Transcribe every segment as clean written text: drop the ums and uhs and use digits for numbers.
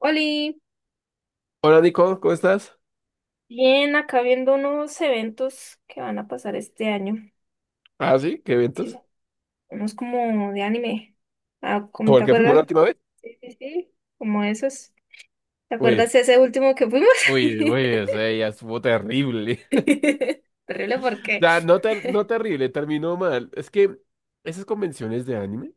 Oli, Hola Nico, ¿cómo estás? bien, acá viendo unos eventos que van a pasar este año. Ah, sí, qué Sí, eventos. unos como de anime. Ah, ¿cómo ¿Como te el que fuimos la acuerdas? última vez? Sí, sí, sí. Como esos. ¿Te Uy, acuerdas ese último que fuimos? uy, uy, ese ya estuvo terrible. Terrible O porque, sea, no, no terrible, terminó mal. Es que esas convenciones de anime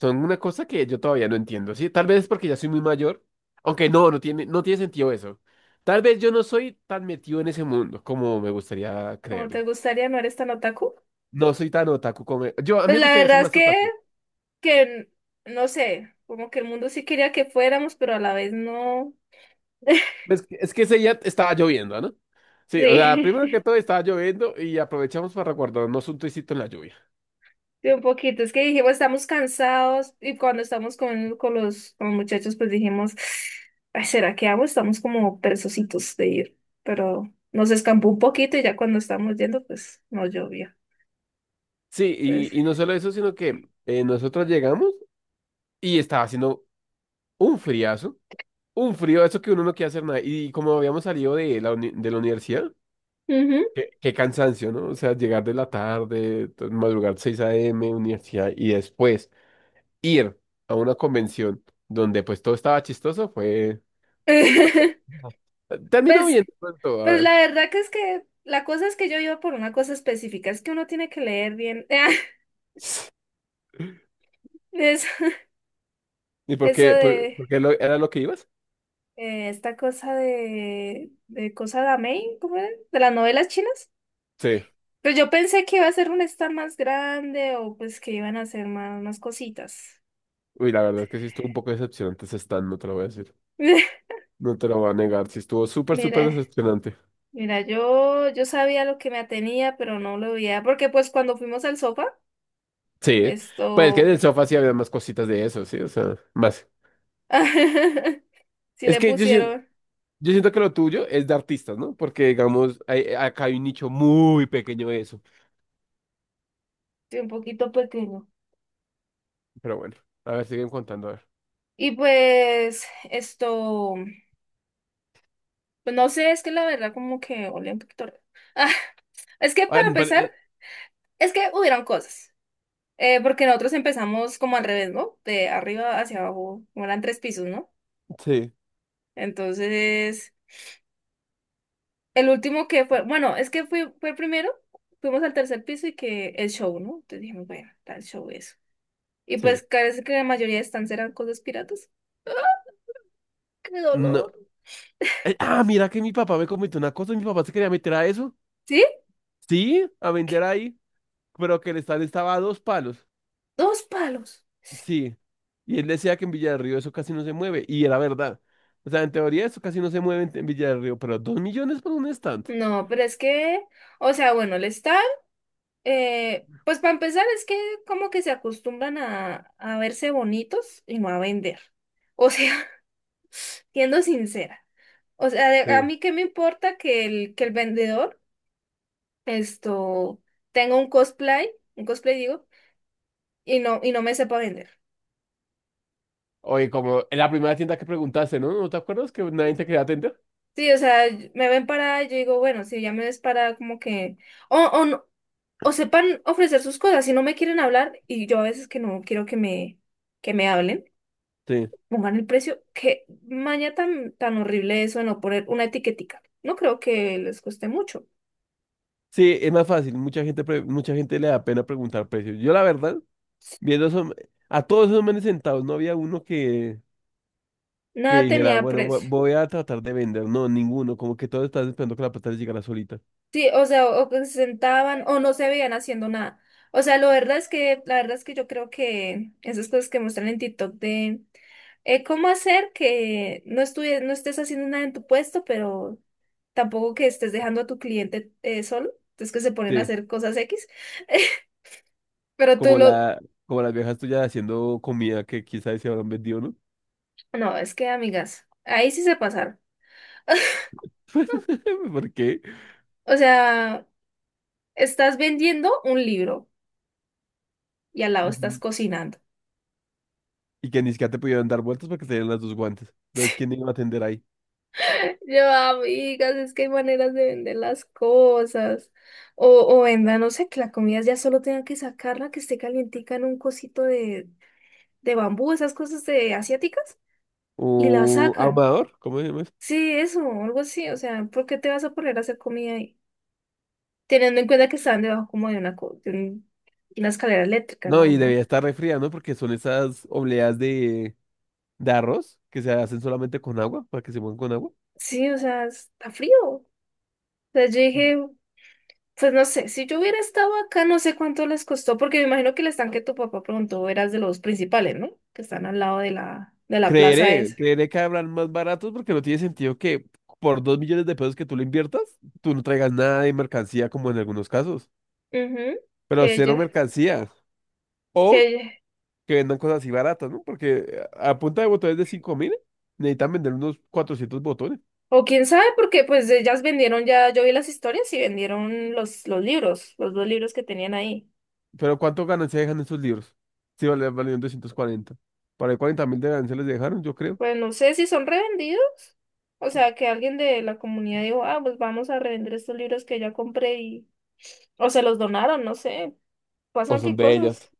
son una cosa que yo todavía no entiendo, ¿sí? Tal vez es porque ya soy muy mayor, aunque no, no tiene sentido eso. Tal vez yo no soy tan metido en ese mundo como me gustaría ¿cómo te creerlo. gustaría no eres tan otaku? No soy tan otaku como... Yo, a mí Pues me la gustaría ser verdad es más que, otaku. que no sé, como que el mundo sí quería que fuéramos, pero a la vez no. Es que ese día estaba lloviendo, ¿no? Sí, o sea, primero que Sí. todo estaba lloviendo y aprovechamos para guardarnos un tricito en la lluvia. Sí, un poquito, es que dijimos, estamos cansados y cuando estamos con los muchachos, pues dijimos, "Ay, ¿será que hago? Estamos como perezositos de ir, pero nos escampó un poquito y ya cuando estábamos yendo, pues no llovía. Sí, Entonces, y no solo eso, sino que nosotros llegamos y estaba haciendo un friazo, un frío, eso que uno no quiere hacer nada. Y como habíamos salido de de la universidad, ujú. Qué cansancio, ¿no? O sea, llegar de la tarde, madrugar 6 a.m., universidad, y después ir a una convención donde pues todo estaba chistoso, fue un día. Terminó Pues, bien de pronto, a pues ver. la verdad que es que la cosa es que yo iba por una cosa específica, es que uno tiene que leer bien eso, ¿Y por eso qué? De ¿por qué era lo que ibas? Esta cosa de cosa de Amei, ¿cómo era? De las novelas chinas. Sí. Pero yo pensé que iba a ser un stand más grande o pues que iban a hacer más, más cositas. Uy, la verdad es que sí estuvo un poco decepcionante ese stand, no te lo voy a decir. No te lo voy a negar, sí estuvo súper, súper Mira, decepcionante. mira, yo sabía lo que me atenía, pero no lo veía, porque pues cuando fuimos al sofá, Sí. Pues es que en esto, el sofá sí había más cositas de eso, sí, o sea, más. sí Es le que yo, sien- pusieron yo siento que lo tuyo es de artistas, ¿no? Porque, digamos, acá hay un nicho muy pequeño de eso. sí, un poquito pequeño. Pero bueno, a ver, siguen contando, a ver. Y pues esto, pues no sé, es que la verdad como que olía un poquito raro. Ah, es que Ah, para pero, empezar, es que hubieron cosas, porque nosotros empezamos como al revés, ¿no? De arriba hacia abajo, como eran tres pisos, ¿no? sí, Entonces, el último que fue, bueno, es que fui, fue el primero, fuimos al tercer piso y que el show, ¿no? Entonces dijimos, bueno, está el show eso. Y sí. pues parece que la mayoría de stands eran cosas piratas. ¡Ah, qué dolor! No. Mira que mi papá me comentó una cosa, mi papá se quería meter a eso. ¿Sí? Sí, a vender ahí, pero que el stand estaba a 2 palos. Dos palos. Sí. Y él decía que en Villa del Río eso casi no se mueve. Y era verdad. O sea, en teoría eso casi no se mueve en Villa del Río, pero 2 millones por un stand. No, pero es que, o sea, bueno, el stand, pues para empezar es que como que se acostumbran a verse bonitos y no a vender. O sea, siendo sincera. O sea, de- a Sí. mí qué me importa que el vendedor. Esto, tengo un cosplay digo, y no me sepa vender. Oye, como en la primera tienda que preguntaste, ¿no? ¿No te acuerdas que nadie te quería atender? Sí, o sea, y- me ven parada y yo digo, bueno, si ya me ves parada, como que, o, no- o sepan ofrecer sus cosas, si no me quieren hablar, y yo a veces que no quiero que me hablen, Sí. pongan el precio, qué maña tan, tan horrible eso de no poner una etiquetica. No creo que les cueste mucho. Sí, es más fácil. Mucha gente le da pena preguntar precios. Yo, la verdad, viendo esos- a todos esos manes sentados, no había uno que Nada dijera, tenía bueno, precio. voy a tratar de vender. No, ninguno. Como que todos están esperando que la plata les llegara solita. Sí, o sea, o que se sentaban o no se veían haciendo nada. O sea, lo verdad es que, la verdad es que yo creo que esas cosas que muestran en TikTok de cómo hacer que no estudie- no estés haciendo nada en tu puesto, pero tampoco que estés dejando a tu cliente solo. Entonces que se ponen a Sí. hacer cosas X. Pero tú Como lo... como las viejas tuyas haciendo comida que quizás se habrán vendido, ¿no? No, es que, amigas, ahí sí se pasaron. ¿Por qué? O sea, estás vendiendo un libro y al lado estás Ujú. cocinando. Y que ni siquiera te pudieron dar vueltas porque tenían las dos guantes. Entonces, ¿quién iba a atender ahí? Yo, amigas, es que hay maneras de vender las cosas. O, o venda, no sé, que la comida ya solo tengan que sacarla, que esté calientica en un cosito de bambú, esas cosas de asiáticas, y la ¿Un sacan. ahumador? ¿Cómo se llama eso? Sí, eso, algo así. O sea, ¿por qué te vas a poner a hacer comida ahí? Teniendo en cuenta que estaban debajo como de una, co- de un- una escalera eléctrica, No, no, y debía no. estar refría, ¿no? Porque son esas obleas de arroz que se hacen solamente con agua, para que se muevan con agua. Sí, o sea, está frío. O sea, yo Mm. dije. Pues no sé, si yo hubiera estado acá, no sé cuánto les costó, porque me imagino que el estanque tu papá preguntó eras de los principales, ¿no? Que están al lado de la plaza Creeré, esa. creeré que habrán más baratos porque no tiene sentido que por 2 millones de pesos que tú le inviertas, tú no traigas nada de mercancía como en algunos casos. Ujú. Pero Que cero ella, mercancía. que O ella- que vendan cosas así baratas, ¿no? Porque a punta de botones de 5.000, necesitan vender unos 400 botones. O quién sabe, porque pues ellas vendieron ya, yo vi las historias y vendieron los libros, los dos libros que tenían ahí. Pero ¿cuánto ganancia dejan esos libros? Sí, vale, valieron 240. Para el 40 mil de ganancia les dejaron, yo creo. Pues no sé si son revendidos. O sea, que alguien de la comunidad dijo, ah, pues vamos a revender estos libros que ya compré y... O se los donaron, no sé. O Pasan son qué de ellas. cosas.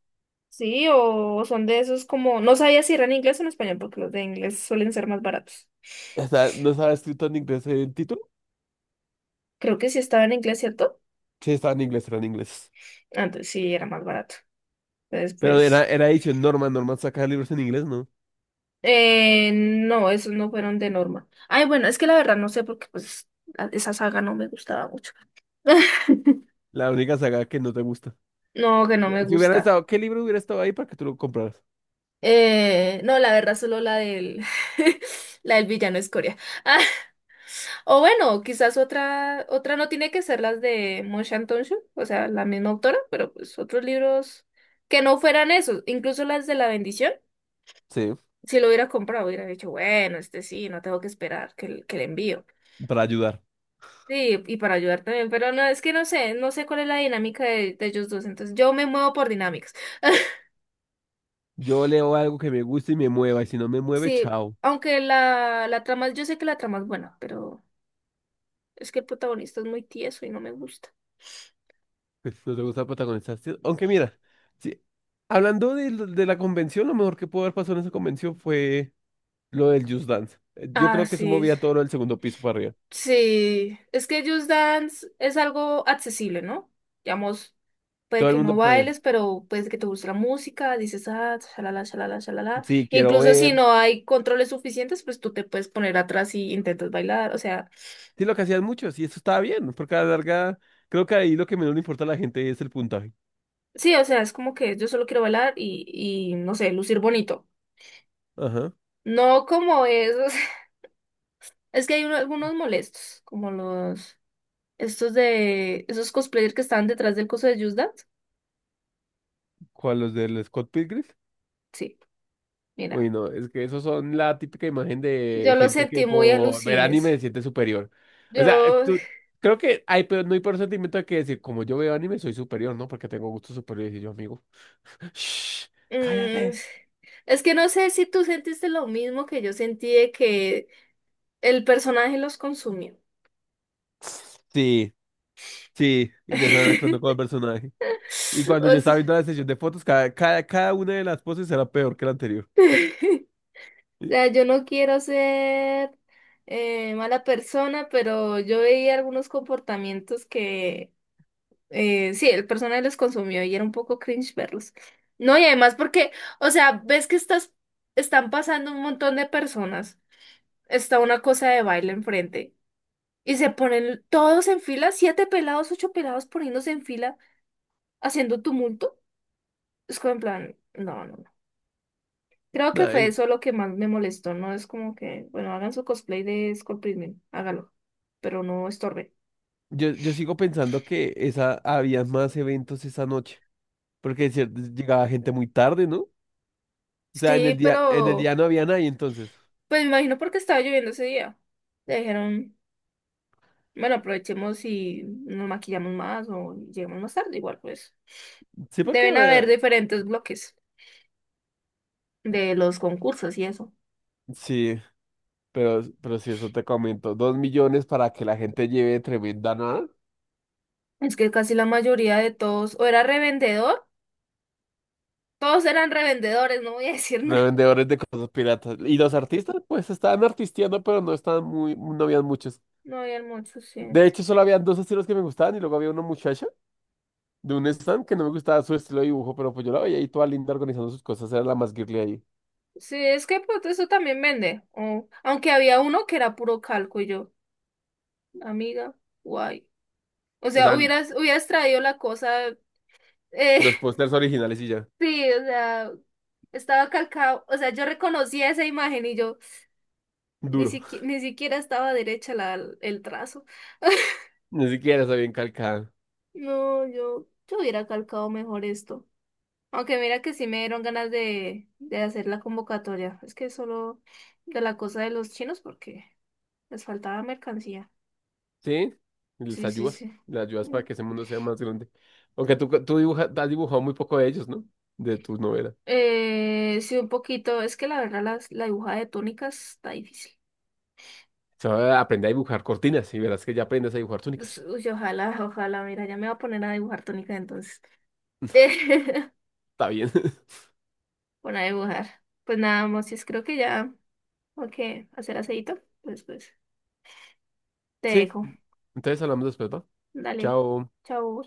Sí, o son de esos como, no sabía si eran en inglés o en español, porque los de inglés suelen ser más baratos. No estaba escrito en inglés el título. Creo que sí estaba en inglés, ¿cierto? Sí, estaba en inglés, era en inglés. Antes sí era más barato. Entonces, Pero pues, era edición Norman, Norman saca libros en inglés, ¿no? No, esos no fueron de Norma. Ay, bueno, es que la verdad no sé porque pues a- esa saga no me gustaba mucho. La única saga que no te gusta. No, que no me Si hubiera gusta. estado, ¿qué libro hubiera estado ahí para que tú lo compraras? No, la verdad solo la del, la del villano es Corea. O bueno, quizás otra, otra no tiene que ser las de Mon shan tong, o sea, la misma autora, pero pues otros libros que no fueran esos, incluso las de La Bendición, Sí, si lo hubiera comprado, hubiera dicho, bueno, este sí, no tengo que esperar que, el- que le envío. para ayudar. Sí, y para ayudar también, pero no, es que no sé, no sé cuál es la dinámica de ellos dos, entonces yo me muevo por dinámicas. Yo leo algo que me guste y me mueva, y si no me mueve, Sí, chao. aunque la trama, yo sé que la trama es buena, pero es que el protagonista es muy tieso y no me gusta. Pues no te gusta protagonizar, sí. Aunque mira, sí, hablando de, de la convención, lo mejor que pudo haber pasado en esa convención fue lo del Just Dance. Yo Ah, creo que eso sí, movía todo lo del segundo piso para arriba. sí, es que Just Dance es algo accesible, ¿no? Digamos, puede Todo el que no mundo, pues, bailes, pero puede que te guste la música, dices, ah, shalala, shalala, shalala. sí, quiero Incluso si ver. no hay controles suficientes, pues tú te puedes poner atrás y intentas bailar. O sea, Sí, lo que hacían muchos, y eso estaba bien, porque a la larga, creo que ahí lo que menos le importa a la gente es el puntaje. sí, o sea, es como que yo solo quiero bailar y no sé, lucir bonito. Ajá. No como esos. Es que hay uno- algunos molestos, como los, estos de, esos cosplayers que estaban detrás del coso de Just Dance. ¿Cuál, los del Scott Pilgrim? Sí, mira. Uy, no, es que esos son la típica imagen Yo de lo gente sentí que muy por ver alucines. anime se siente superior. O sea, Yo, creo que hay, pero no hay por sentimiento de que decir, como yo veo anime, soy superior, ¿no? Porque tengo gustos superiores y yo, amigo, "Shh, mm, cállate". es que no sé si tú sentiste lo mismo que yo sentí de que el personaje los consumió. Sí, sí, y ya están actuando como el personaje. Y cuando yo O sea, estaba viendo la sesión de fotos, cada una de las poses era peor que la anterior. o sea, yo no quiero ser mala persona, pero yo veía algunos comportamientos que sí, el personaje los consumió y era un poco cringe verlos. No, y además porque, o sea, ves que estás, están pasando un montón de personas. Está una cosa de baile enfrente. Y se ponen todos en fila, siete pelados, ocho pelados poniéndose en fila, haciendo tumulto. Es como en plan, no, no, no. Creo que Nah, fue yo, eso lo que más me molestó, ¿no? Es como que, bueno, hagan su cosplay de Skull Prison, hágalo, pero no estorbe. yo yo sigo pensando que esa, había más eventos esa noche, porque es cierto, llegaba gente muy tarde, ¿no? O sea, Sí, en el pero día no había nadie entonces. pues me imagino porque estaba lloviendo ese día. Le dijeron, bueno, aprovechemos y nos maquillamos más o llegamos más tarde, igual pues. Sí, porque Deben haber diferentes bloques de los concursos y eso. sí, pero si eso te comento, 2 millones para que la gente lleve tremenda nada. Es que casi la mayoría de todos, o era revendedor, todos eran revendedores, no voy a decir De nada. vendedores de cosas piratas. Y los artistas, pues estaban artisteando, pero no estaban muy, no habían muchos. No habían muchos, sí. De hecho, solo habían 2 estilos que me gustaban y luego había una muchacha de un stand que no me gustaba su estilo de dibujo, pero pues yo la veía ahí toda linda organizando sus cosas, era la más girly ahí. Sí, es que pues eso también vende. O- aunque había uno que era puro calco y yo, amiga, guay. O O sea, sea, hubieras, hubieras traído la cosa. eh, los pósters originales y ya, sí, o sea, estaba calcado. O sea, yo reconocía esa imagen y yo ni duro. siquiera, ni siquiera estaba derecha el trazo. Ni siquiera está bien calcada. No, yo hubiera calcado mejor esto. Aunque mira que sí me dieron ganas de hacer la convocatoria. Es que solo de la cosa de los chinos porque les faltaba mercancía. ¿Sí? Y les Sí, sí, ayudas, sí. les ayudas para Mm. que ese mundo sea más grande. Tú dibujas, has dibujado muy poco de ellos, ¿no? De tus novelas. Sí, un poquito. Es que la verdad las- la, dibujada de túnicas está difícil. O sea, aprende a dibujar cortinas y verás que ya aprendes a dibujar Pues, túnicas. uy, ojalá, ojalá. Mira, ya me voy a poner a dibujar túnicas entonces. Está bien. Bueno, a dibujar. Pues nada, Mosis, creo que ya. Ok, hacer aceito. Pues, pues, te Sí, dejo. entonces hablamos después, ¿va? Dale. Chao. Chao.